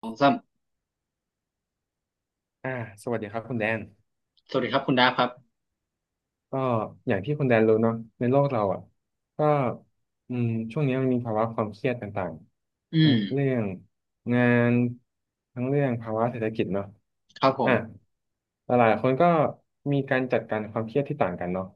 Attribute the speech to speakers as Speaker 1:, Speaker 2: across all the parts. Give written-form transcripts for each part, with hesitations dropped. Speaker 1: สองสาม
Speaker 2: อ่าสวัสดีครับคุณแดน
Speaker 1: สวัสดีครับคุณดาฟครับ
Speaker 2: ก็อย่างที่คุณแดนรู้เนาะในโลกเราอ่ะก็อืมช่วงนี้มันมีภาวะความเครียดต่าง
Speaker 1: อื
Speaker 2: ๆทั้
Speaker 1: ม
Speaker 2: งเรื่องงานทั้งเรื่องภาวะเศรษฐกิจเนาะ
Speaker 1: ครับผ
Speaker 2: อ่ะ
Speaker 1: ม
Speaker 2: หลายๆคนก็มีการจัดการความเครียดที่ต่างกันเนาะ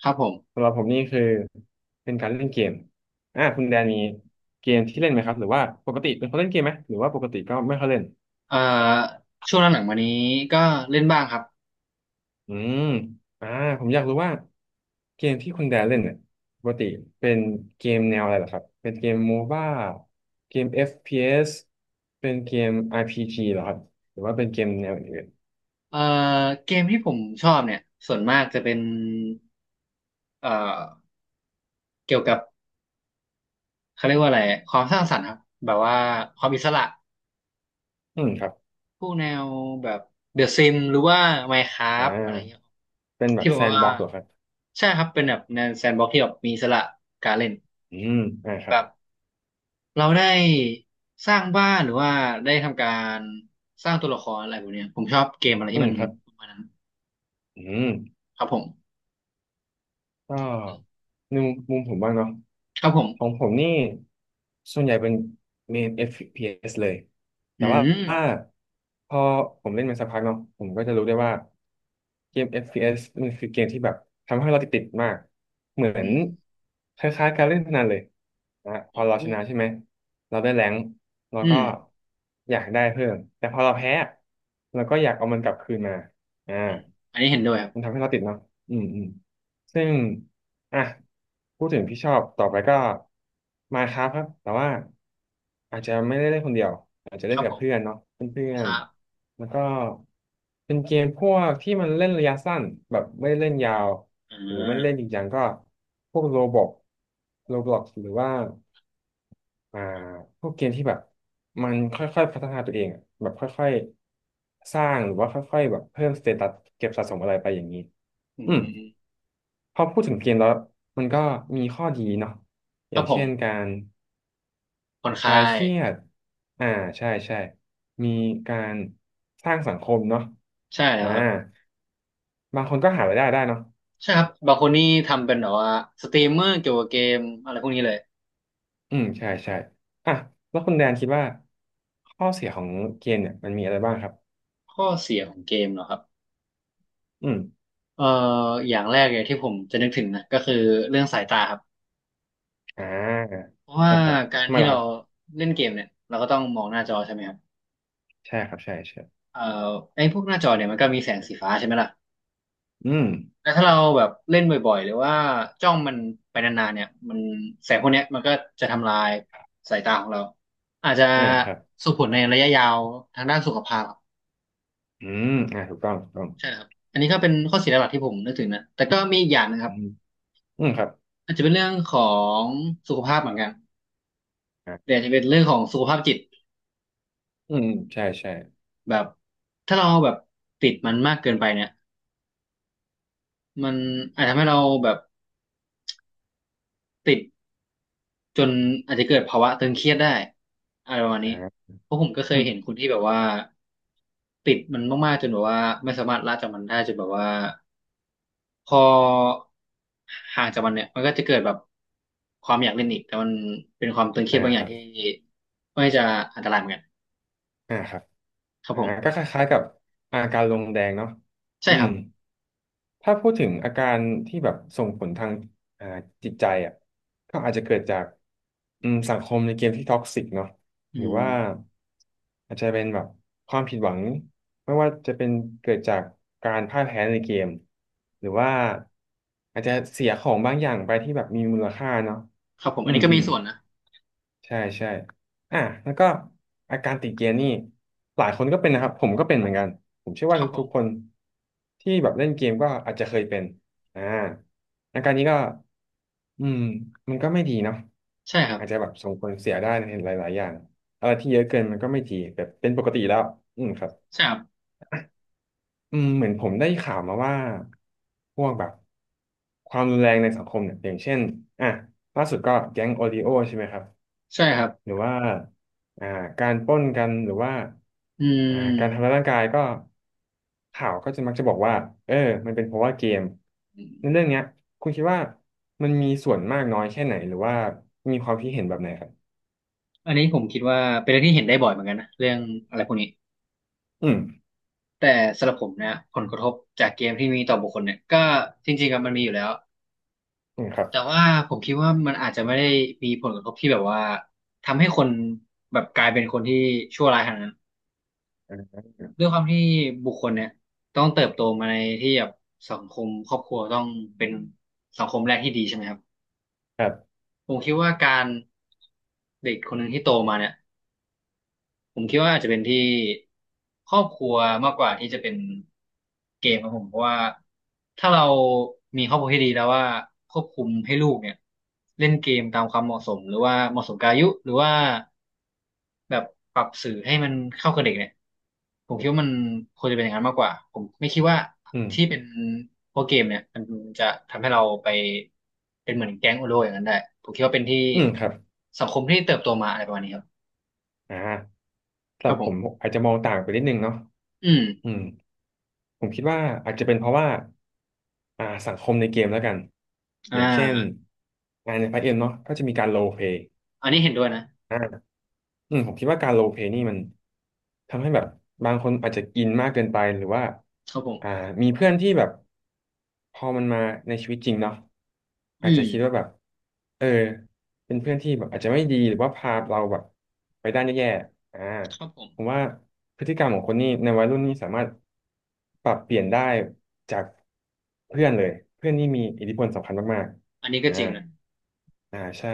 Speaker 1: ครับผม
Speaker 2: สำหรับผมนี่คือเป็นการเล่นเกมอ่ะคุณแดนมีเกมที่เล่นไหมครับหรือว่าปกติเป็นคนเล่นเกมไหมหรือว่าปกติก็ไม่ค่อยเล่น
Speaker 1: เอ่อช่วงหลังๆมานี้ก็เล่นบ้างครับ
Speaker 2: อืมอ่าผมอยากรู้ว่าเกมที่คุณแดนเล่นเนี่ยปกติเป็นเกมแนวอะไรเหรอครับ เป็นเกมโมบ้าเกม FPS เอสเป็นเกม RPG เหรอครับหรือว่าเป็นเกมแนวอื่น
Speaker 1: เอ่อเกมที่ผมชอบเนี่ยส่วนมากจะเป็นเอ่อเกี่ยวกับเขาเรียกว่าอะไรความสร้างสรรค์ครับแบบว่าความอิสระ
Speaker 2: อืมครับ
Speaker 1: พวกแนวแบบเดอะซิมหรือว่า
Speaker 2: อ่
Speaker 1: Minecraft อะไรเงี้ย
Speaker 2: าเป็นแบ
Speaker 1: ที่
Speaker 2: บ
Speaker 1: แบ
Speaker 2: แซ
Speaker 1: บ
Speaker 2: นด์
Speaker 1: ว่า
Speaker 2: บ็อกซ์เหรอครับ
Speaker 1: ใช่ครับเป็นแบบแนวแซนด์บ็อกซ์ที่แบบมีอิสระการเล่น
Speaker 2: อืมอ่าครับ
Speaker 1: แบบ เราได้สร้างบ้านหรือว่าได้ทำการสร้างตัวละครอะไรพวกเนี้ยผมชอบเกมอะไร
Speaker 2: อื
Speaker 1: ที่
Speaker 2: ม
Speaker 1: มัน
Speaker 2: ครับ
Speaker 1: ประมาณนั้น
Speaker 2: อืม
Speaker 1: ครับผม
Speaker 2: ก็ในมุมผมบ้างเนาะ
Speaker 1: ครับผม
Speaker 2: ของผมนี่ส่วนใหญ่เป็นเมน FPS เอสเลยแต่
Speaker 1: อื
Speaker 2: ว่า
Speaker 1: ม
Speaker 2: พอผมเล่นมาสักพักเนาะผมก็จะรู้ได้ว่าเกม FPS มันคือเกมที่แบบทำให้เราติดมากเหมือ
Speaker 1: อื
Speaker 2: น
Speaker 1: ม
Speaker 2: คล้ายๆการเล่นพนันเลยนะพอ
Speaker 1: โอ้
Speaker 2: เรา
Speaker 1: โห
Speaker 2: ชนะใช่ไหมเราได้แรงค์เรา
Speaker 1: อื
Speaker 2: ก็
Speaker 1: ม
Speaker 2: อยากได้เพิ่มแต่พอเราแพ้เราก็อยากเอามันกลับคืนมาอ่า
Speaker 1: อันนี้เห็นด้วยครั
Speaker 2: มัน
Speaker 1: บ
Speaker 2: ทำให้เราติดเนาะอืมอืม ซึ่งอ่ะพูดถึงพี่ชอบต่อไปก็มาครับครับแต่ว่าอาจจะไม่ได้เล่นคนเดียวอาจจะ
Speaker 1: ค
Speaker 2: เล่น
Speaker 1: รับ
Speaker 2: กั
Speaker 1: ผ
Speaker 2: บ
Speaker 1: ม
Speaker 2: เพื่อนเนาะเพื่อ
Speaker 1: ค
Speaker 2: น
Speaker 1: รับ
Speaker 2: ๆแล้วก็เป็นเกมพวกที่มันเล่นระยะสั้นแบบไม่ได้เล่นยาว
Speaker 1: อ่
Speaker 2: หรือไม่ได้เล่น
Speaker 1: า
Speaker 2: จริงจังก็พวกโรบล็อกหรือว่าอ่าพวกเกมที่แบบมันค่อยๆพัฒนาตัวเองอะแบบค่อยๆสร้างหรือว่าค่อยๆแบบเพิ่มสเตตัสเก็บสะสมอะไรไปอย่างนี้
Speaker 1: อื
Speaker 2: อืม
Speaker 1: ม
Speaker 2: พอพูดถึงเกมแล้วมันก็มีข้อดีเนาะอ
Speaker 1: ครั
Speaker 2: ย่า
Speaker 1: บ
Speaker 2: ง
Speaker 1: ผ
Speaker 2: เช่นกา
Speaker 1: ม
Speaker 2: ร
Speaker 1: ผ่อน
Speaker 2: ค
Speaker 1: คลา
Speaker 2: ลายเค
Speaker 1: ย
Speaker 2: รียดอ่าใช่ใช่มีการสร้างสังคมเนาะ
Speaker 1: ใช่แล้ว
Speaker 2: อ่า
Speaker 1: ครับ
Speaker 2: บางคนก็หารายได้ได้เนาะ
Speaker 1: ใช่ครับบางคนนี่ทำเป็นแบบว่าสตรีมเมอร์เกี่ยวกับเกมอะไรพวกนี้เลย
Speaker 2: อืมใช่ใช่อ่ะแล้วคุณแดนคิดว่าข้อเสียของเกมเนี่ยมันมีอะไรบ้างครับ
Speaker 1: ข้อเสียของเกมเหรอครับ
Speaker 2: อืม
Speaker 1: เอ่ออย่างแรกเลยที่ผมจะนึกถึงนะก็คือเรื่องสายตาครับ
Speaker 2: อ่า
Speaker 1: เพราะว่า
Speaker 2: นะครับ
Speaker 1: การ
Speaker 2: ทำไมา
Speaker 1: ที่
Speaker 2: แล้ว
Speaker 1: เรา
Speaker 2: ครับ
Speaker 1: เล่นเกมเนี่ยเราก็ต้องมองหน้าจอใช่ไหมครับ
Speaker 2: ใช่ครับใช่ใช่
Speaker 1: เอ่อไอ้พวกหน้าจอเนี่ยมันก็มีแสงสีฟ้าใช่ไหมล่ะ
Speaker 2: อืม
Speaker 1: แล้วถ้าเราแบบเล่นบ่อยๆหรือว่าจ้องมันไปนานๆเนี่ยมันแสงพวกเนี้ยมันก็จะทำลายสายตาของเราอาจจะ
Speaker 2: อ่าครับ
Speaker 1: ส่งผลในระยะยาวทางด้านสุขภาพครับ
Speaker 2: อืมอ่าถูกต้องถูกต้อง
Speaker 1: ใช่ครับอันนี้ก็เป็นข้อเสียหลักๆที่ผมนึกถึงนะแต่ก็มีอีกอย่างนะครั
Speaker 2: อื
Speaker 1: บ
Speaker 2: มอืมครับ
Speaker 1: อาจจะเป็นเรื่องของสุขภาพเหมือนกันแต่
Speaker 2: อ่า
Speaker 1: อาจจะเป็นเรื่องของสุขภาพจิต
Speaker 2: อืมอืมใช่ใช่
Speaker 1: แบบถ้าเราแบบติดมันมากเกินไปเนี่ย มันอาจทำให้เราแบบติดจนอาจจะเกิดภาวะตึงเครียดได้อะไรประมาณ
Speaker 2: อ่
Speaker 1: นี้
Speaker 2: า
Speaker 1: เพราะผมก็เคยเห็นคนที่แบบว่าติดมันมากๆจนแบบว่าไม่สามารถละจากมันได้จนแบบว่าพอห่างจากมันเนี่ยมันก็จะเกิดแบบความอยากเล่นอีกแต่มันเป็นความตึงเครีย
Speaker 2: อ่า
Speaker 1: ดบางอ
Speaker 2: ค
Speaker 1: ย่าง
Speaker 2: รับ
Speaker 1: ที่ไม่จะอันตรายเหมือนกัน
Speaker 2: อ่าครับ
Speaker 1: ครับ
Speaker 2: อ่า
Speaker 1: ผ
Speaker 2: ก็
Speaker 1: ม
Speaker 2: คล้ายๆกับอาการลงแดงเนาะ
Speaker 1: ใช่
Speaker 2: อื
Speaker 1: ค
Speaker 2: ม
Speaker 1: รับ
Speaker 2: ถ้าพูดถึงอาการที่แบบส่งผลทางอ่าจิตใจอ่ะก็อาจจะเกิดจากสังคมในเกมที่ท็อกซิกเนาะ
Speaker 1: อื
Speaker 2: หรือ
Speaker 1: ม
Speaker 2: ว่าอาจจะเป็นแบบความผิดหวังไม่ว่าจะเป็นเกิดจากการพ่ายแพ้ในเกมหรือว่าอาจจะเสียของบางอย่างไปที่แบบมีมูลค่าเนาะ
Speaker 1: ครับผม
Speaker 2: อื
Speaker 1: อัน
Speaker 2: ม
Speaker 1: นี้ก็
Speaker 2: อื
Speaker 1: มี
Speaker 2: ม
Speaker 1: ส่วนนะ
Speaker 2: ใช่ใช่อ่ะแล้วก็อาการติดเกียร์นี่หลายคนก็เป็นนะครับผมก็เป็นเหมือนกันผมเชื่อ
Speaker 1: ค
Speaker 2: ว่า
Speaker 1: รับผ
Speaker 2: ทุกๆค
Speaker 1: ม
Speaker 2: นที่แบบเล่นเกมก็อาจจะเคยเป็นอ่าอาการนี้ก็อืมมันก็ไม่ดีเนาะ
Speaker 1: ใช่ครับ
Speaker 2: อาจจะแบบส่งผลเสียได้ในหลายๆอย่างอะไรที่เยอะเกินมันก็ไม่ดีแบบเป็นปกติแล้วอืมครับ
Speaker 1: ใช่ครับ
Speaker 2: อืมเหมือนผมได้ข่าวมาว่าพวกแบบความรุนแรงในสังคมเนี่ยอย่างเช่นอ่ะล่าสุดก็แก๊งโอริโอใช่ไหมครับ
Speaker 1: ใช่ครับ
Speaker 2: หรือว่าอ่าการปล้นกันหรือว่า
Speaker 1: อื
Speaker 2: การทำร้าย
Speaker 1: ม
Speaker 2: ร่างกายก็ข่าวก็จะมักจะบอกว่าเออมันเป็นเพราะว่าเกมในเรื่องเนี้ยคุณคิดว่ามันมีส่วนมากน้อยแค่ไหนหรือว่ามีความคิดเห็นแบบไหนครับ
Speaker 1: อันนี้ผมคิดว่าเป็นเรื่องที่เห็นได้บ่อยเหมือนกันนะเรื่องอะไรพวกนี้
Speaker 2: อืม
Speaker 1: แต่สำหรับผมเนี่ยผลกระทบจากเกมที่มีต่อบุคคลเนี่ยก็จริงๆอะมันมีอยู่แล้ว
Speaker 2: อืมครับ
Speaker 1: แต่ว่าผมคิดว่ามันอาจจะไม่ได้มีผลกระทบที่แบบว่าทำให้คนแบบกลายเป็นคนที่ชั่วร้ายขนาดนั้น
Speaker 2: อ่า
Speaker 1: ด้วยความที่บุคคลเนี่ยต้องเติบโตมาในที่แบบสังคมครอบครัวต้องเป็นสังคมแรกที่ดีใช่ไหมครับ
Speaker 2: ครับ
Speaker 1: ผมคิดว่าการเด็กคนหนึ่งที่โตมาเนี่ย ผมคิดว่าอาจจะเป็นที่ครอบครัวมากกว่าที่จะเป็นเกมครับผมเพราะว่าถ้าเรามีครอบครัวที่ดีแล้วว่าควบคุมให้ลูกเนี่ยเล่นเกมตามความเหมาะสมหรือว่าเหมาะสมกับอายุหรือว่าแบบปรับสื่อให้มันเข้ากับเด็กเนี่ยผมคิดว่ามันควรจะเป็นอย่างนั้นมากกว่าผมไม่คิดว่า
Speaker 2: อืม
Speaker 1: ที่เป็นพวกเกมเนี่ยมันจะทำให้เราไปเป็นเหมือนแก๊งโอโลอย่างนั้นได้ผมคิดว่าเป็นที่
Speaker 2: อืมครับ
Speaker 1: สังคมที่เติบโตมาอะไรประมาณนี้ครับ
Speaker 2: อ่าสำ
Speaker 1: ค
Speaker 2: ห
Speaker 1: รั
Speaker 2: รั
Speaker 1: บ
Speaker 2: บ
Speaker 1: ผ
Speaker 2: ผม
Speaker 1: ม
Speaker 2: อาจจะมองต่างไปนิดนึงเนาะ
Speaker 1: อื
Speaker 2: อื
Speaker 1: ม
Speaker 2: มผมคิดว่าอาจจะเป็นเพราะว่าสังคมในเกมแล้วกันอ
Speaker 1: อ่า
Speaker 2: ย่างเช่นงานในพาร์ทเอ็มเนาะก็จะมีการโลเพลย์
Speaker 1: อันนี้เห็นด้วยนะ
Speaker 2: อืมผมคิดว่าการโรลเพลย์นี่มันทำให้แบบบางคนอาจจะอินมากเกินไปหรือว่า
Speaker 1: ครับผ
Speaker 2: อ่า
Speaker 1: ม
Speaker 2: มีเพื่อนที่แบบพอมันมาในชีวิตจริงเนาะอาจ
Speaker 1: อื
Speaker 2: จะ
Speaker 1: ม
Speaker 2: คิดว่าแบบเออเป็นเพื่อนที่แบบอาจจะไม่ดีหรือว่าพาเราแบบไปด้านแย่ๆ
Speaker 1: ครับผม
Speaker 2: ผมว่าพฤติกรรมของคนนี่ในวัยรุ่นนี่สามารถปรับเปลี่ยนได้จากเพื่อนเลยเพื่อนนี่มีอิทธิพลสำคัญมาก
Speaker 1: อันนี้
Speaker 2: ๆ
Speaker 1: ก็
Speaker 2: อ่า
Speaker 1: จริงนะ
Speaker 2: อ่าใช่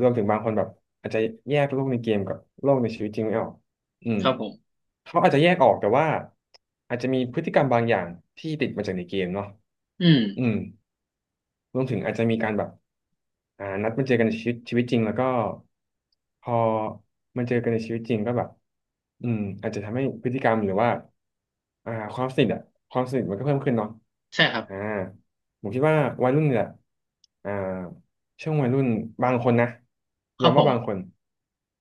Speaker 2: รวมถึงบางคนแบบอาจจะแยกโลกในเกมกับโลกในชีวิตจริงไม่ออกอืม
Speaker 1: ครับผม
Speaker 2: เขาอาจจะแยกออกแต่ว่าอาจจะมีพฤติกรรมบางอย่างที่ติดมาจากในเกมเนาะ
Speaker 1: อืม
Speaker 2: อืม รวมถึงอาจจะมีการแบบนัดมาเจอกันในชีวิตจริงแล้วก็พอมาเจอกันในชีวิตจริงก็แบบอาจจะทำให้พฤติกรรมหรือว่าความสนิทอะความสนิทมันก็เพิ่มขึ้นเนาะ
Speaker 1: ใช่ครับ
Speaker 2: อ่าผมคิดว่าวัยรุ่นเนี่ยอ่าช่วงวัยรุ่นบางคนนะ
Speaker 1: ครับ
Speaker 2: ย้ำ
Speaker 1: ผ
Speaker 2: ว่าบางคน
Speaker 1: ม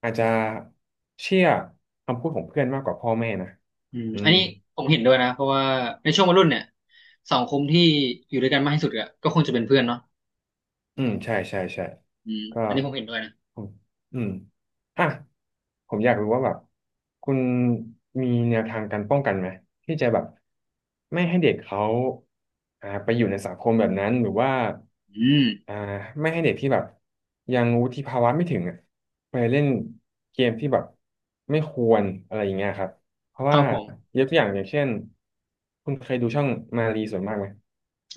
Speaker 2: อาจจะเชื่อคำพูดของเพื่อนมากกว่าพ่อแม่นะ
Speaker 1: อืม
Speaker 2: อื
Speaker 1: อัน
Speaker 2: ม
Speaker 1: นี้ผมเห็นด้วยนะเพราะว่าในช่วงวัยรุ่นเนี่ยสังคมที่อยู่ด้วยกันมากที่สุดก็ก็คงจะเป็นเพื่อนเนาะ
Speaker 2: อืมใช่ใช่ใช่
Speaker 1: อืม
Speaker 2: ก็
Speaker 1: อันนี้ผมเห็นด้วยนะ
Speaker 2: ผมอืมอ่ะผมอยากรู้ว่าแบบคุณมีแนวทางการป้องกันไหมที่จะแบบไม่ให้เด็กเขาไปอยู่ในสังคมแบบนั้นหรือว่า
Speaker 1: อืม
Speaker 2: อ่าไม่ให้เด็กที่แบบยังวุฒิภาวะไม่ถึงอ่ะไปเล่นเกมที่แบบไม่ควรอะไรอย่างเงี้ยครับเพราะ
Speaker 1: ครั
Speaker 2: ว่า
Speaker 1: บผม
Speaker 2: ยกตัวอย่างอย่างเช่นคุณเคยดูช่องมารีส่วนมากไหม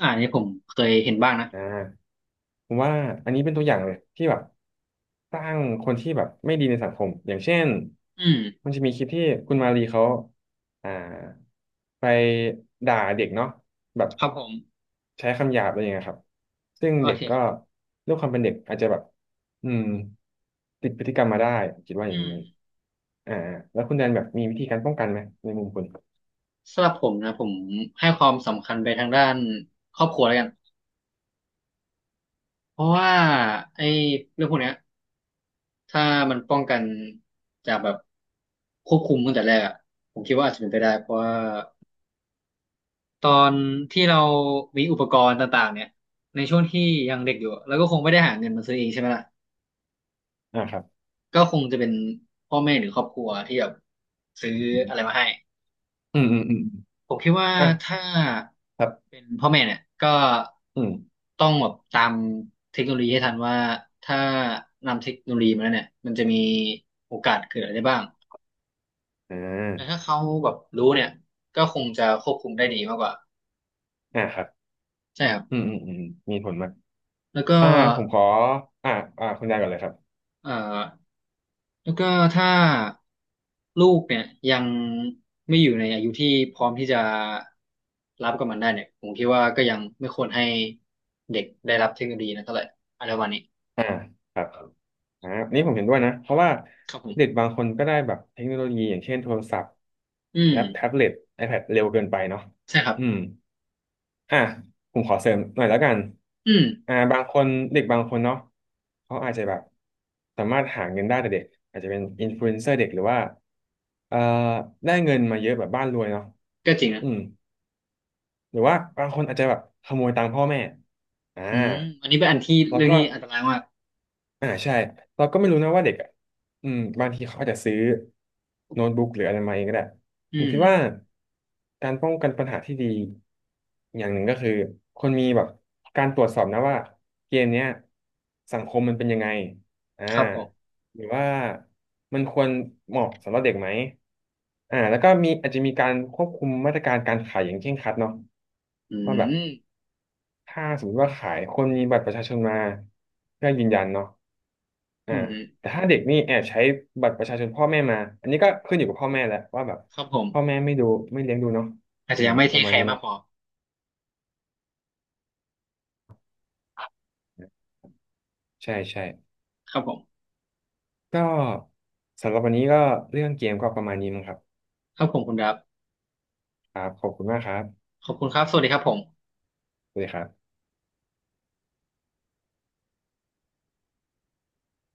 Speaker 1: อ่าอันนี้ผมเคยเห็นบ้างนะ
Speaker 2: อ่าผมว่าอันนี้เป็นตัวอย่างเลยที่แบบสร้างคนที่แบบไม่ดีในสังคมอย่างเช่น
Speaker 1: อืม
Speaker 2: มันจะมีคลิปที่คุณมารีเขาอ่าไปด่าเด็กเนาะแบบ
Speaker 1: ครับผม
Speaker 2: ใช้คำหยาบอะไรอย่างเงี้ยครับซึ่ง
Speaker 1: โอ
Speaker 2: เด็ก
Speaker 1: เคค
Speaker 2: ก็
Speaker 1: รับ
Speaker 2: ด้วยความเป็นเด็กอาจจะแบบอืมติดพฤติกรรมมาได้ผมคิดว่าอย่าง
Speaker 1: อืม
Speaker 2: นี้อ่าแล้วคุณแดนแบบมีวิธีการป้องกันไหมในมุมคุณ
Speaker 1: สำหรับผมนะผมให้ความสำคัญไปทางด้านครอบครัวแล้วกันเพราะว่าไอ้เรื่องพวกเนี้ย ถ้ามันป้องกันจากแบบควบคุมตั้งแต่แรกอะผมคิดว่าอาจจะเป็นไปได้เพราะว่าตอนที่เรามีอุปกรณ์ต่างๆเนี่ยในช่วงที่ยังเด็กอยู่อะแล้วก็คงไม่ได้หาเงินมาซื้อเองใช่ไหมล่ะ
Speaker 2: อ่าครับ
Speaker 1: ก็คงจะเป็นพ่อแม่หรือครอบครัวที่แบบซื้ออะไรมาให้
Speaker 2: อืมอืมอืมอ
Speaker 1: ผมคิดว่า
Speaker 2: มอ่ะ
Speaker 1: ถ้า
Speaker 2: ครับ
Speaker 1: เป็นพ่อแม่เนี่ยก็
Speaker 2: อืม
Speaker 1: ต้องแบบตามเทคโนโลยีให้ทันว่าถ้านำเทคโนโลยีมาแล้วเนี่ยมันจะมีโอกาสเกิดอะไรได้บ้าง
Speaker 2: อ่
Speaker 1: แต่ถ้า
Speaker 2: า
Speaker 1: เขาแบบรู้เนี่ยก็คงจะควบคุมได้ดีมากกว่า
Speaker 2: อ่าครับ
Speaker 1: ใช่ครับ
Speaker 2: อืมอืมอืมมีผลมาก
Speaker 1: แล้วก็
Speaker 2: อ่าผมขออ่าคุณยายก่อนเลยครับ
Speaker 1: เอ่อแล้วก็ถ้าลูกเนี่ยยังไม่อยู่ในอายุที่พร้อมที่จะรับกับมันได้เนี่ยผมคิดว่าก็ยังไม่ควรให้เด็กได้รับเทคโนโลยีนะเท่าไหร่อะไรประมาณนี้
Speaker 2: อ่าครับอ่านี่ผมเห็นด้วยนะเพราะว่า
Speaker 1: ครับผ
Speaker 2: เด็ก
Speaker 1: ม
Speaker 2: บางคนก็ได้แบบเทคโนโลยีอย่างเช่นโทรศัพท์
Speaker 1: อืม
Speaker 2: แล็ปแท็บเล็ต iPad เร็วเกินไปเนาะ
Speaker 1: ใช่ครับ
Speaker 2: อืมอ่าผมขอเสริมหน่อยแล้วกัน
Speaker 1: อืม
Speaker 2: บางคนเด็กบางคนเนาะเขาอาจจะแบบสามารถหาเงินได้แต่เด็กอาจจะเป็นอินฟลูเอนเซอร์เด็กหรือว่าเอ่อได้เงินมาเยอะแบบบ้านรวยเนาะ
Speaker 1: ก็จริงนะ
Speaker 2: อืม หรือว่าบางคนอาจจะแบบขโมยตังค์พ่อแม่อ่า
Speaker 1: อืมอันนี้เป็นอันที่
Speaker 2: แล้ว
Speaker 1: เรื่อง
Speaker 2: ก็
Speaker 1: ที่อันตรายมาก
Speaker 2: ใช่เราก็ไม่รู้นะว่าเด็กอ่ะอืมบางทีเขาอาจจะซื้อโน้ตบุ๊กหรืออะไรมาเองก็ได้
Speaker 1: อื
Speaker 2: ผม
Speaker 1: ม
Speaker 2: คิดว่าการป้องกันปัญหาที่ดีอย่างหนึ่งก็คือคนมีแบบการตรวจสอบนะว่าเกมเนี้ยสังคมมันเป็นยังไงอ่า
Speaker 1: ครับผม
Speaker 2: หรือว่ามันควรเหมาะสำหรับเด็กไหมแล้วก็มีอาจจะมีการควบคุมมาตรการการขายอย่างเคร่งครัดเนาะ
Speaker 1: อื
Speaker 2: ว่าแบบ
Speaker 1: ม
Speaker 2: ถ้าสมมติว่าขายคนมีบัตรประชาชนมาเพื่อยืนยันเนาะ
Speaker 1: อื
Speaker 2: อ่า
Speaker 1: ม
Speaker 2: แต่ถ้าเด็กนี่แอบใช้บัตรประชาชนพ่อแม่มาอันนี้ก็ขึ้นอยู่กับพ่อแม่แหละว่าแบบ
Speaker 1: ครับผม
Speaker 2: พ่อแม่ไม่ดูไม่เลี้ยงดูเนาะ
Speaker 1: อาจจะ
Speaker 2: อืม
Speaker 1: ยังไม่เท
Speaker 2: ป
Speaker 1: ค
Speaker 2: ระมา
Speaker 1: แค
Speaker 2: ณนี้
Speaker 1: ร์มากพ
Speaker 2: เนาะ
Speaker 1: อ
Speaker 2: ใช่ใช่
Speaker 1: ครับผม
Speaker 2: ก็สำหรับวันนี้ก็เรื่องเกมก็ประมาณนี้มั้งครับ
Speaker 1: ครับผมคุณดับ
Speaker 2: ครับขอบคุณมากครับ
Speaker 1: ขอบคุณครับสวัสดีครับผม
Speaker 2: สวัสดีครับ